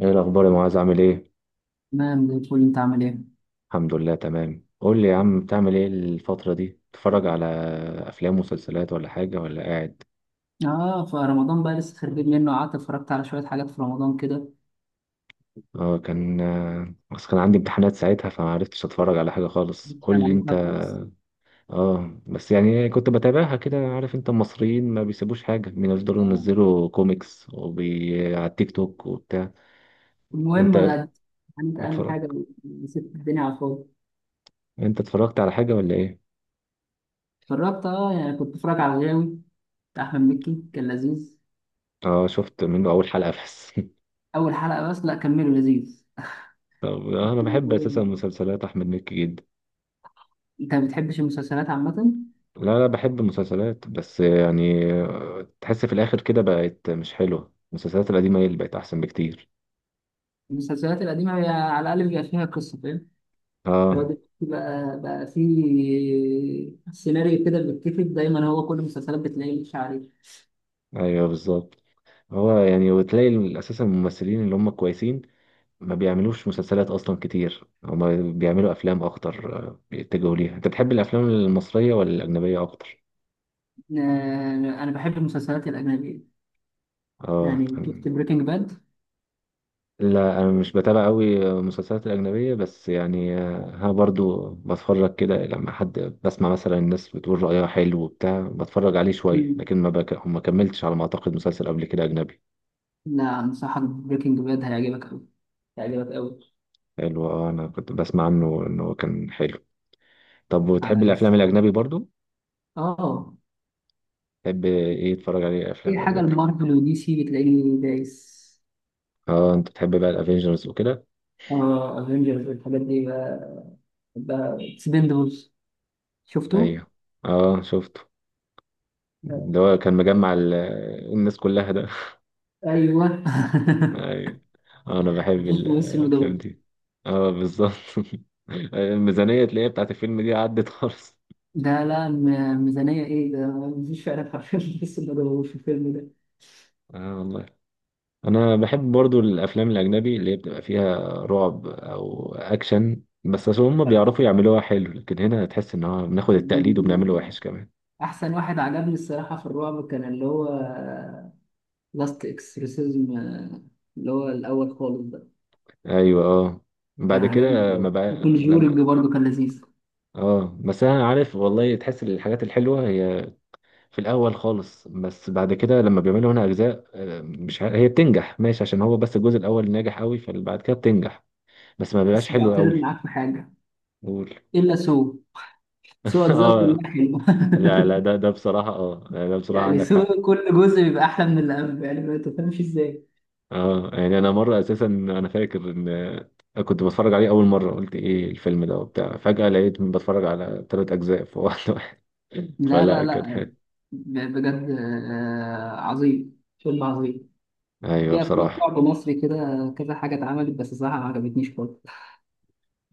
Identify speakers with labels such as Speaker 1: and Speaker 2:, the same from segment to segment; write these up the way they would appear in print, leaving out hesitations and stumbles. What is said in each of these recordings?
Speaker 1: ايه الاخبار يا معاذ عامل ايه؟
Speaker 2: تمام زي الفل، انت عامل ايه؟
Speaker 1: الحمد لله تمام. قول لي يا عم، بتعمل ايه الفتره دي؟ بتتفرج على افلام ومسلسلات ولا حاجه ولا قاعد؟
Speaker 2: اه، فرمضان بقى لسه خارجين منه، قعدت اتفرجت على شوية حاجات في رمضان كده.
Speaker 1: اه كان بس كان عندي امتحانات ساعتها فما عرفتش اتفرج على حاجه خالص.
Speaker 2: مش
Speaker 1: قول
Speaker 2: على
Speaker 1: لي
Speaker 2: عليك
Speaker 1: انت.
Speaker 2: بقى خالص.
Speaker 1: اه بس يعني كنت بتابعها كده، عارف انت المصريين ما بيسيبوش حاجه، بينزلوا
Speaker 2: آه،
Speaker 1: كوميكس على التيك توك وبتاع.
Speaker 2: المهم
Speaker 1: انت
Speaker 2: يعني انت اهم
Speaker 1: اتفرج
Speaker 2: حاجة. نسيت الدنيا على الفاضي.
Speaker 1: انت اتفرجت على حاجه ولا ايه؟
Speaker 2: اتفرجت، يعني كنت بتفرج على الغاوي بتاع احمد مكي، كان لذيذ.
Speaker 1: اه شفت منه اول حلقه بس.
Speaker 2: اول حلقة بس؟ لا، كملوا لذيذ.
Speaker 1: طب انا بحب اساسا مسلسلات احمد مكي جدا.
Speaker 2: انت ما بتحبش المسلسلات عامة؟
Speaker 1: لا لا، بحب المسلسلات، بس يعني تحس في الاخر كده بقت مش حلوه. المسلسلات القديمه هي اللي بقت احسن بكتير.
Speaker 2: المسلسلات القديمة هي على الأقل بيبقى فيها قصة، فاهم؟
Speaker 1: اه،
Speaker 2: الواد بقى في سيناريو كده بيتكتب دايما، هو كل المسلسلات بتلاقيه، مش عارف.
Speaker 1: ايوه بالظبط. هو يعني وتلاقي اساسا الممثلين اللي هم كويسين ما بيعملوش مسلسلات اصلا كتير، هم بيعملوا افلام اكتر، بيتجهوا ليها. انت بتحب الافلام المصريه ولا الاجنبيه اكتر؟
Speaker 2: انا بحب المسلسلات الاجنبيه.
Speaker 1: اه،
Speaker 2: يعني شفت بريكنج باد؟
Speaker 1: لا انا مش بتابع قوي مسلسلات الاجنبيه، بس يعني ها برضو بتفرج كده لما حد بسمع مثلا الناس بتقول رايها حلو وبتاع، بتفرج عليه شويه، لكن ما كملتش على ما اعتقد مسلسل قبل كده اجنبي.
Speaker 2: لا، انصحك بريكنج باد، هيعجبك قوي، هيعجبك قوي.
Speaker 1: حلو، اه انا كنت بسمع عنه انه كان حلو. طب
Speaker 2: على
Speaker 1: وتحب الافلام
Speaker 2: الصراحه،
Speaker 1: الاجنبي برضو؟
Speaker 2: اه.
Speaker 1: تحب ايه تتفرج عليه
Speaker 2: اي
Speaker 1: افلام
Speaker 2: حاجه،
Speaker 1: اجنبي؟
Speaker 2: المارفل ودي سي بتلاقيني دايس.
Speaker 1: اه انت تحب بقى الافينجرز وكده؟
Speaker 2: اه، افنجرز الحاجات دي بقى. بقى اكسبندبلز شفته؟
Speaker 1: ايوه اه شفته.
Speaker 2: لا.
Speaker 1: ده هو كان مجمع الناس كلها ده.
Speaker 2: ايوه.
Speaker 1: ايوه. انا بحب
Speaker 2: مفيش ممثل ما
Speaker 1: الافلام
Speaker 2: جابوش.
Speaker 1: دي. اه بالظبط. الميزانيه تلاقيها بتاعت الفيلم دي عدت خالص.
Speaker 2: ده لا، ميزانيه ايه؟ ده مفيش فعلا حرفيا ممثل ما جابوش في الفيلم.
Speaker 1: اه والله. انا بحب برضو الافلام الاجنبي اللي هي بتبقى فيها رعب او اكشن، بس عشان هم بيعرفوا يعملوها حلو، لكن هنا تحس ان هو بناخد
Speaker 2: ده
Speaker 1: التقليد وبنعمله وحش كمان.
Speaker 2: احسن واحد عجبني الصراحه في الرعب، كان اللي هو لاست اكسورسيزم، اللي هو الاول خالص ده.
Speaker 1: ايوه اه،
Speaker 2: كان
Speaker 1: بعد
Speaker 2: عجبني
Speaker 1: كده ما
Speaker 2: الاول،
Speaker 1: بقى لما،
Speaker 2: وكونجورنج برضه كان لذيذ.
Speaker 1: اه بس انا عارف والله، تحس ان الحاجات الحلوه هي في الاول خالص، بس بعد كده لما بيعملوا هنا اجزاء، مش ع- هي بتنجح ماشي عشان هو بس الجزء الاول ناجح قوي، فبعد كده بتنجح بس ما بيبقاش
Speaker 2: بس
Speaker 1: حلو
Speaker 2: بعترض
Speaker 1: قوي.
Speaker 2: معاك في حاجه.
Speaker 1: قول.
Speaker 2: الا سو، سو اجزاء كلها
Speaker 1: اه
Speaker 2: حلوه.
Speaker 1: لا لا، ده بصراحه، اه لا ده بصراحه
Speaker 2: يعني
Speaker 1: عندك حق.
Speaker 2: سو كل جزء بيبقى احلى من اللي قبل، يعني ما تفهمش ازاي.
Speaker 1: اه يعني انا مره اساسا فاكر ان كنت بتفرج عليه اول مره، قلت ايه الفيلم ده وبتاع، فجاه لقيت بتفرج على ثلاث اجزاء في واحد.
Speaker 2: لا لا
Speaker 1: فلا كان
Speaker 2: لا،
Speaker 1: حلو.
Speaker 2: بجد، عظيم، فيلم عظيم.
Speaker 1: ايوه
Speaker 2: في افلام
Speaker 1: بصراحه.
Speaker 2: رعب مصري كده، كذا حاجه اتعملت، بس صراحه ما عجبتنيش خالص.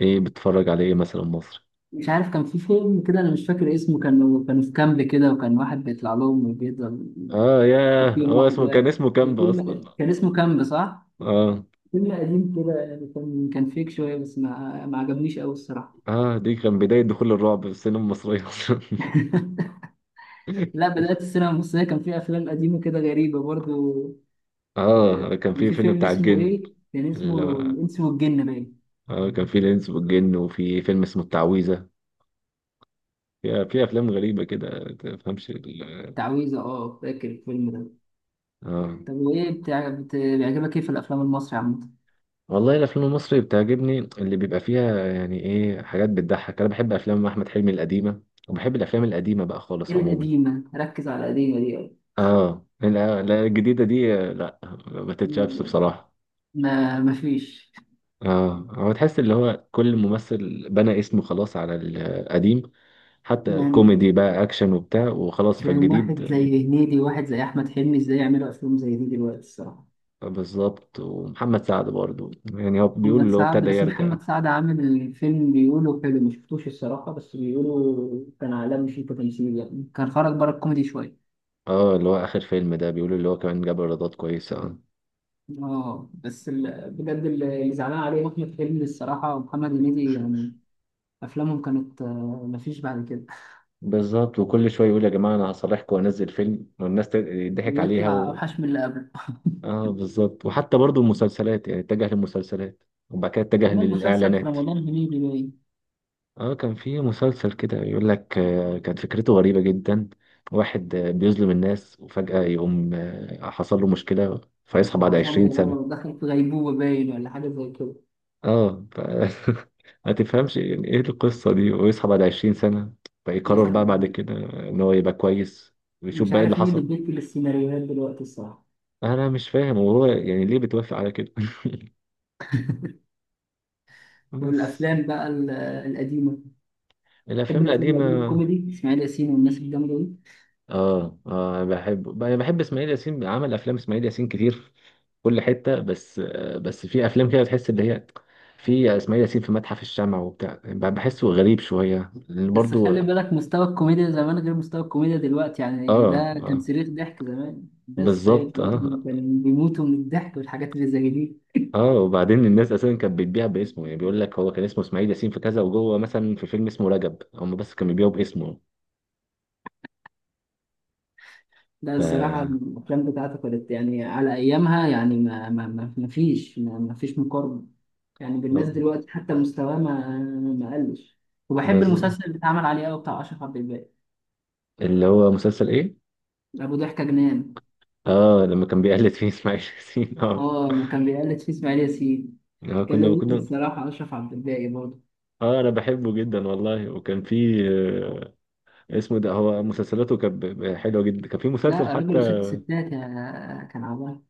Speaker 1: ايه بتتفرج على ايه مثلا مصر؟
Speaker 2: مش عارف، كان في فيلم كده انا مش فاكر اسمه، كانوا في كامب كده، وكان واحد بيطلع لهم وبيفضل
Speaker 1: اه
Speaker 2: في
Speaker 1: ياه،
Speaker 2: يوم
Speaker 1: هو
Speaker 2: واحد
Speaker 1: اسمه كان
Speaker 2: واحد.
Speaker 1: اسمه كامب اصلا.
Speaker 2: الفيلم كان اسمه كامب، صح؟
Speaker 1: اه
Speaker 2: فيلم قديم كده، يعني كان فيك شوية، بس ما عجبنيش قوي الصراحة.
Speaker 1: اه، دي كان بداية دخول الرعب في السينما المصرية اصلا.
Speaker 2: لا، بدأت السينما المصرية كان فيها أفلام قديمة كده غريبة برضو. آه،
Speaker 1: اه كان في
Speaker 2: في
Speaker 1: فيلم
Speaker 2: فيلم
Speaker 1: بتاع
Speaker 2: اسمه
Speaker 1: الجن.
Speaker 2: إيه؟ كان اسمه
Speaker 1: ال-
Speaker 2: الإنس والجن باين.
Speaker 1: اه كان في الانس والجن، وفي فيلم اسمه التعويذة. في في افلام غريبة كده ما تفهمش
Speaker 2: التعويذة، أه، فاكر الفيلم ده.
Speaker 1: اه
Speaker 2: طب وإيه بيعجبك إيه في الأفلام المصري عامة؟
Speaker 1: والله. الافلام المصري بتعجبني اللي بيبقى فيها يعني ايه، حاجات بتضحك. انا بحب افلام احمد حلمي القديمة، وبحب الافلام القديمة بقى
Speaker 2: إيه
Speaker 1: خالص عموما.
Speaker 2: القديمة؟ ركز على القديمة دي.
Speaker 1: اه لا لا، الجديدة دي لا، ما تتشافش
Speaker 2: أوي.
Speaker 1: بصراحة.
Speaker 2: ما فيش،
Speaker 1: اه، هو تحس اللي هو كل ممثل بنى اسمه خلاص على القديم، حتى
Speaker 2: يعني
Speaker 1: كوميدي بقى اكشن وبتاع وخلاص،
Speaker 2: كان
Speaker 1: فالجديد
Speaker 2: واحد زي هنيدي، واحد زي أحمد حلمي، إزاي يعملوا أفلام زي دي دلوقتي الصراحة؟
Speaker 1: بالظبط. ومحمد سعد برضو، يعني هو بيقول
Speaker 2: محمد
Speaker 1: اللي هو
Speaker 2: سعد،
Speaker 1: ابتدى
Speaker 2: بس
Speaker 1: يرجع.
Speaker 2: محمد سعد عامل الفيلم بيقولوا حلو، مشفتوش الصراحة، بس بيقولوا كان عالمي، فيه تمثيل، يعني كان خرج بره الكوميدي شوية.
Speaker 1: اه اللي هو اخر فيلم ده بيقول اللي هو كمان جاب ايرادات كويسة
Speaker 2: اه، بس بجد، اللي زعلان عليه أحمد حلمي الصراحة، ومحمد هنيدي، يعني أفلامهم كانت، مفيش بعد كده،
Speaker 1: بالظبط. وكل شويه يقول يا جماعه انا هصالحكم وانزل فيلم والناس تضحك عليها
Speaker 2: بيطلع أوحش من اللي قبله.
Speaker 1: اه بالظبط. وحتى برضو المسلسلات، يعني اتجه للمسلسلات وبعد كده اتجه
Speaker 2: عمل مسلسل في
Speaker 1: للاعلانات.
Speaker 2: رمضان هنيدي باين،
Speaker 1: اه كان في مسلسل كده يقول لك كانت فكرته غريبة جدا. واحد بيظلم الناس، وفجأة يقوم حصل له مشكلة فيصحى بعد
Speaker 2: حصل
Speaker 1: عشرين
Speaker 2: له
Speaker 1: سنة.
Speaker 2: غلط، دخل في غيبوبة باين ولا حاجة زي كده،
Speaker 1: اه ف... ما تفهمش يعني ايه القصة دي، ويصحى بعد عشرين سنة
Speaker 2: مش
Speaker 1: فيقرر
Speaker 2: عارف.
Speaker 1: بقى بعد كده ان هو يبقى كويس ويشوف
Speaker 2: مش
Speaker 1: بقى إيه اللي
Speaker 2: عارف مين اللي
Speaker 1: حصل.
Speaker 2: بيكتب السيناريوهات دلوقتي الصراحة.
Speaker 1: انا مش فاهم هو يعني ليه بتوافق على كده. بس
Speaker 2: والأفلام بقى القديمة. بحب
Speaker 1: الافلام
Speaker 2: الأفلام القديمة،
Speaker 1: القديمة.
Speaker 2: الكوميدي، إسماعيل ياسين والناس الجامدة دي.
Speaker 1: اه اه، أنا بحب اسماعيل ياسين. عمل افلام اسماعيل ياسين كتير في كل حته، بس بس في افلام كده تحس اللي هي، في اسماعيل ياسين في متحف الشمع وبتاع، بحسه غريب شويه، لأن
Speaker 2: بس
Speaker 1: برضو
Speaker 2: خلي
Speaker 1: اه.
Speaker 2: بالك، مستوى الكوميديا زمان غير مستوى الكوميديا دلوقتي، يعني ده كان
Speaker 1: اه
Speaker 2: صريخ ضحك زمان، بس فاهم؟
Speaker 1: بالظبط.
Speaker 2: زمان
Speaker 1: اه
Speaker 2: كان بيموتوا من الضحك والحاجات اللي زي دي.
Speaker 1: اه، وبعدين الناس اساسا كانت بتبيع باسمه، يعني بيقول لك هو كان اسمه اسماعيل ياسين في كذا وجوه، مثلا في فيلم اسمه رجب، هم بس كانوا بيبيعوا باسمه.
Speaker 2: لا الصراحة،
Speaker 1: ف
Speaker 2: الأفلام بتاعته كانت يعني على أيامها، يعني ما فيش مقارنة، يعني بالناس
Speaker 1: آه،
Speaker 2: دلوقتي، حتى مستواه ما قلش. وبحب
Speaker 1: بالظبط.
Speaker 2: المسلسل اللي اتعمل عليه أوي بتاع أشرف عبد الباقي،
Speaker 1: اللي هو مسلسل ايه؟
Speaker 2: أبو ضحكة جنان.
Speaker 1: اه لما كان بيقلد فيه اسماعيل ياسين، اه
Speaker 2: اه، كان بيقلد فيه إسماعيل ياسين، كان
Speaker 1: كنا
Speaker 2: لذيذ
Speaker 1: كنا
Speaker 2: الصراحة أشرف عبد الباقي برضه.
Speaker 1: اه انا بحبه جدا والله. وكان في اسمه ده، هو مسلسلاته كانت حلوه جدا. كان في مسلسل
Speaker 2: لا، راجل
Speaker 1: حتى،
Speaker 2: وست ستات كان عبارة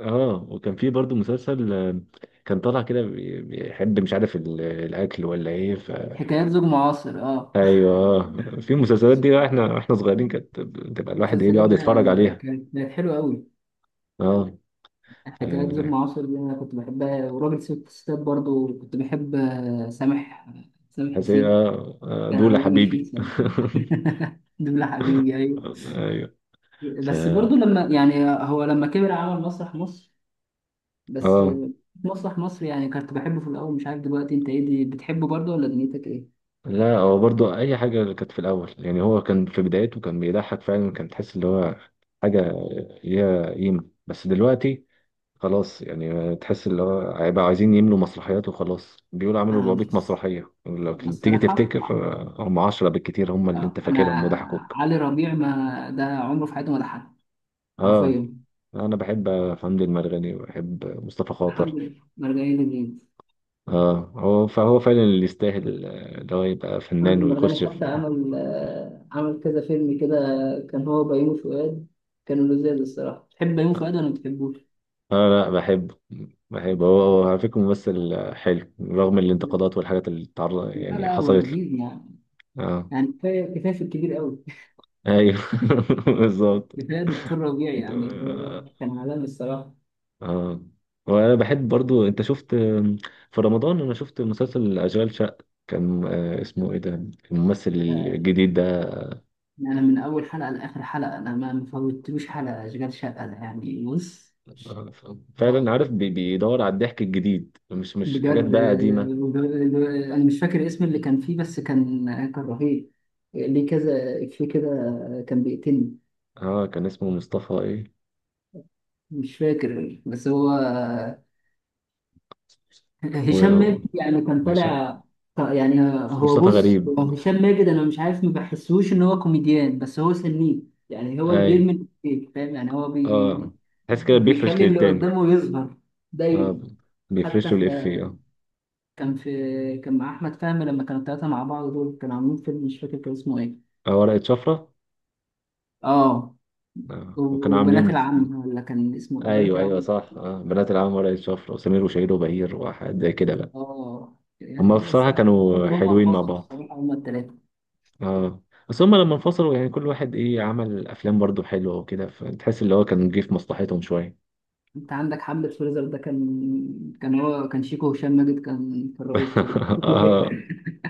Speaker 1: اه، وكان في برضو مسلسل كان طالع كده بيحب مش عارف الاكل ولا ايه
Speaker 2: حكايات زوج معاصر، اه.
Speaker 1: ايوه اه. في المسلسلات دي بقى، احنا صغيرين، كانت بتبقى الواحد ايه،
Speaker 2: المسلسلات دي
Speaker 1: بيقعد يتفرج عليها.
Speaker 2: كانت حلوة أوي.
Speaker 1: اه ف-
Speaker 2: حكايات زوج معاصر دي أنا كنت بحبها، وراجل ست ستات برضه كنت بحب، سامح
Speaker 1: حسيت
Speaker 2: حسين.
Speaker 1: اه
Speaker 2: كان
Speaker 1: دول يا
Speaker 2: عالمي فيه
Speaker 1: حبيبي.
Speaker 2: صراحة. دبلة حبيبي، أيوه.
Speaker 1: ايوه ف.
Speaker 2: بس برضه لما، يعني هو لما كبر، عمل مسرح مصر، بس
Speaker 1: اه
Speaker 2: مسرح مصر، يعني كنت بحبه في الأول، مش عارف دلوقتي أنت إيه، دي بتحبه برضه ولا دنيتك إيه؟
Speaker 1: لا هو برضو اي حاجه كانت في الاول، يعني هو كان في بدايته كان بيضحك فعلا، كان تحس اللي هو حاجه ليها قيمه، بس دلوقتي خلاص. يعني تحس اللي هو هيبقى عايزين يملوا مسرحيات وخلاص، بيقولوا عملوا
Speaker 2: أنا
Speaker 1: 400 مسرحيه، لو
Speaker 2: أنا
Speaker 1: تيجي
Speaker 2: الصراحة،
Speaker 1: تفتكر هم 10 بالكتير هم اللي انت
Speaker 2: أنا
Speaker 1: فاكرهم وضحكوك.
Speaker 2: علي ربيع، ما ده عمره في حياته ما ضحك،
Speaker 1: اه
Speaker 2: حرفيا.
Speaker 1: انا بحب حمدي المرغني، وبحب مصطفى
Speaker 2: الحمد
Speaker 1: خاطر.
Speaker 2: لله، مرجعين لجديد.
Speaker 1: اه هو فعلا اللي يستاهل اللي هو يبقى
Speaker 2: محمد
Speaker 1: فنان
Speaker 2: المرغني
Speaker 1: ويخش في.
Speaker 2: حتى عمل كذا فيلم كده، كان هو بيومي فؤاد. كانوا لذيذ الصراحة. تحب بيومي فؤاد ولا ما بتحبوش؟
Speaker 1: اه لا بحبه. بحبه، هو على فكرة ممثل حلو، رغم الانتقادات والحاجات اللي تعرض
Speaker 2: لا
Speaker 1: يعني
Speaker 2: لا، هو
Speaker 1: حصلت له.
Speaker 2: لذيذ يعني.
Speaker 1: اه
Speaker 2: يعني كفاية كفاية، في الكبير قوي.
Speaker 1: ايوه. بالظبط
Speaker 2: كفاية دكتور ربيع، يعني هو
Speaker 1: اه
Speaker 2: كان عالمي الصراحة.
Speaker 1: اه. وانا بحب برضو. انت شفت في رمضان؟ انا شفت مسلسل اشغال شقة، كان اسمه ايه ده الممثل
Speaker 2: آه،
Speaker 1: الجديد ده،
Speaker 2: أنا من أول حلقة لآخر حلقة، أنا ما فوتلوش حلقة أشغال شقة ده، يعني بص،
Speaker 1: آه، فعلا عارف بيدور على الضحك الجديد، مش حاجات
Speaker 2: بجد.
Speaker 1: بقى قديمة.
Speaker 2: أنا مش فاكر اسم اللي كان فيه، بس كان رهيب، ليه كذا في كده، كان بيقتلني.
Speaker 1: اه كان اسمه مصطفى ايه
Speaker 2: مش فاكر، بس هو هشام ماجد،
Speaker 1: و
Speaker 2: يعني كان
Speaker 1: هشام.
Speaker 2: طالع يعني. هو،
Speaker 1: مصطفى
Speaker 2: بص،
Speaker 1: غريب.
Speaker 2: هشام ماجد انا مش عارف، ما بحسوش ان هو كوميديان، بس هو سنيد، يعني هو
Speaker 1: اي
Speaker 2: بيرمي الإفيه، فاهم؟ يعني هو
Speaker 1: اه، تحس كده بيفرش
Speaker 2: بيخلي اللي
Speaker 1: للتاني.
Speaker 2: قدامه يظهر
Speaker 1: اه
Speaker 2: دايما. حتى
Speaker 1: بيفرش له الإفيه اه.
Speaker 2: كان في كان مع احمد فهمي، لما كانوا الثلاثه مع بعض، دول كانوا عاملين فيلم مش فاكر كان اسمه ايه،
Speaker 1: ورقة شفرة.
Speaker 2: اه. و-
Speaker 1: وكانوا
Speaker 2: وبنات
Speaker 1: عاملين.
Speaker 2: العم، ولا كان اسمه ايه بنات
Speaker 1: ايوه ايوه
Speaker 2: العم.
Speaker 1: صح. بنات العم، ورقة شفرة، وسمير وشهير وبهير، وحاجات زي كده بقى.
Speaker 2: اه،
Speaker 1: هما
Speaker 2: يعني
Speaker 1: بصراحة
Speaker 2: صح
Speaker 1: كانوا
Speaker 2: هم
Speaker 1: حلوين مع
Speaker 2: فصلوا
Speaker 1: بعض.
Speaker 2: الصراحه هم الثلاثه.
Speaker 1: اه بس هما لما انفصلوا يعني كل واحد ايه عمل افلام برضو حلوة وكده، فتحس اللي هو كان جه في مصلحتهم شوية.
Speaker 2: انت عندك حمد فريزر ده، كان هو كان شيكو، هشام ماجد كان رهيب في دي.
Speaker 1: اه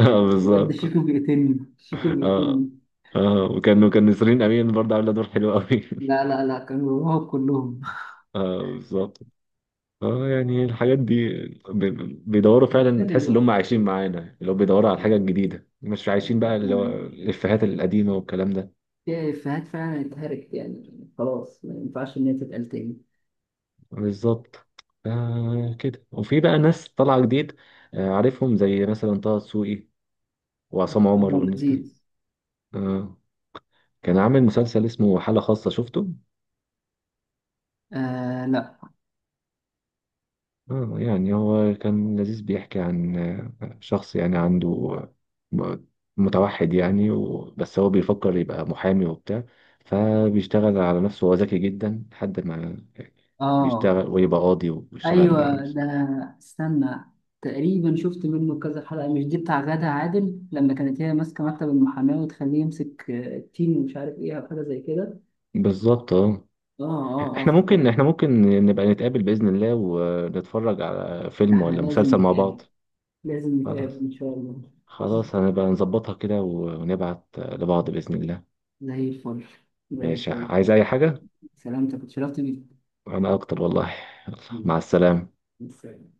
Speaker 1: اه
Speaker 2: بجد،
Speaker 1: بالظبط
Speaker 2: شيكو بيقتلني، شيكو
Speaker 1: اه
Speaker 2: بيقتلني.
Speaker 1: اه. وكانوا كان نسرين امين برضه عامله دور حلو قوي.
Speaker 2: لا لا لا، كانوا رهاب كلهم.
Speaker 1: اه بالظبط. اه يعني الحاجات دي بيدوروا فعلا،
Speaker 2: استنى
Speaker 1: تحس ان
Speaker 2: الوقت،
Speaker 1: هم عايشين معانا، اللي هو بيدوروا على الحاجه الجديده، مش عايشين بقى اللي هو الافيهات القديمه والكلام ده.
Speaker 2: في إفيهات فعلا اتهركت، يعني خلاص ما ينفعش إن هي تتقال تاني.
Speaker 1: بالظبط. آه كده، وفي بقى ناس طالعه جديد، آه، عارفهم زي مثلا طه دسوقي وعصام عمر
Speaker 2: هو
Speaker 1: والناس
Speaker 2: لذيذ.
Speaker 1: دي. آه كان عامل مسلسل اسمه حالة خاصة، شفته؟
Speaker 2: آه لا.
Speaker 1: يعني هو كان لذيذ، بيحكي عن شخص يعني عنده آه، متوحد يعني بس هو بيفكر يبقى محامي وبتاع، فبيشتغل على نفسه، هو ذكي جدا، لحد ما
Speaker 2: آه.
Speaker 1: بيشتغل ويبقى قاضي وبيشتغل على
Speaker 2: ايوه.
Speaker 1: نفسه.
Speaker 2: ده انا استنى، تقريبا شفت منه كذا حلقه، مش دي بتاع غادة عادل لما كانت هي ماسكه مكتب المحاماه وتخليه يمسك، التين ومش عارف ايه او حاجه زي كده.
Speaker 1: بالظبط. اه،
Speaker 2: اه اه اه،
Speaker 1: احنا
Speaker 2: افتكرت.
Speaker 1: ممكن احنا ممكن نبقى نتقابل بإذن الله ونتفرج على فيلم
Speaker 2: احنا
Speaker 1: ولا
Speaker 2: لازم
Speaker 1: مسلسل مع بعض.
Speaker 2: نتقابل، لازم نتقابل
Speaker 1: خلاص،
Speaker 2: ان شاء الله.
Speaker 1: خلاص هنبقى نظبطها كده ونبعت لبعض بإذن الله.
Speaker 2: زي الفل، زي
Speaker 1: ماشي،
Speaker 2: الفل.
Speaker 1: عايز أي حاجة؟
Speaker 2: سلامتك، اتشرفت بيك.
Speaker 1: أنا أكتر والله. يلا، مع السلامة.
Speaker 2: سلام.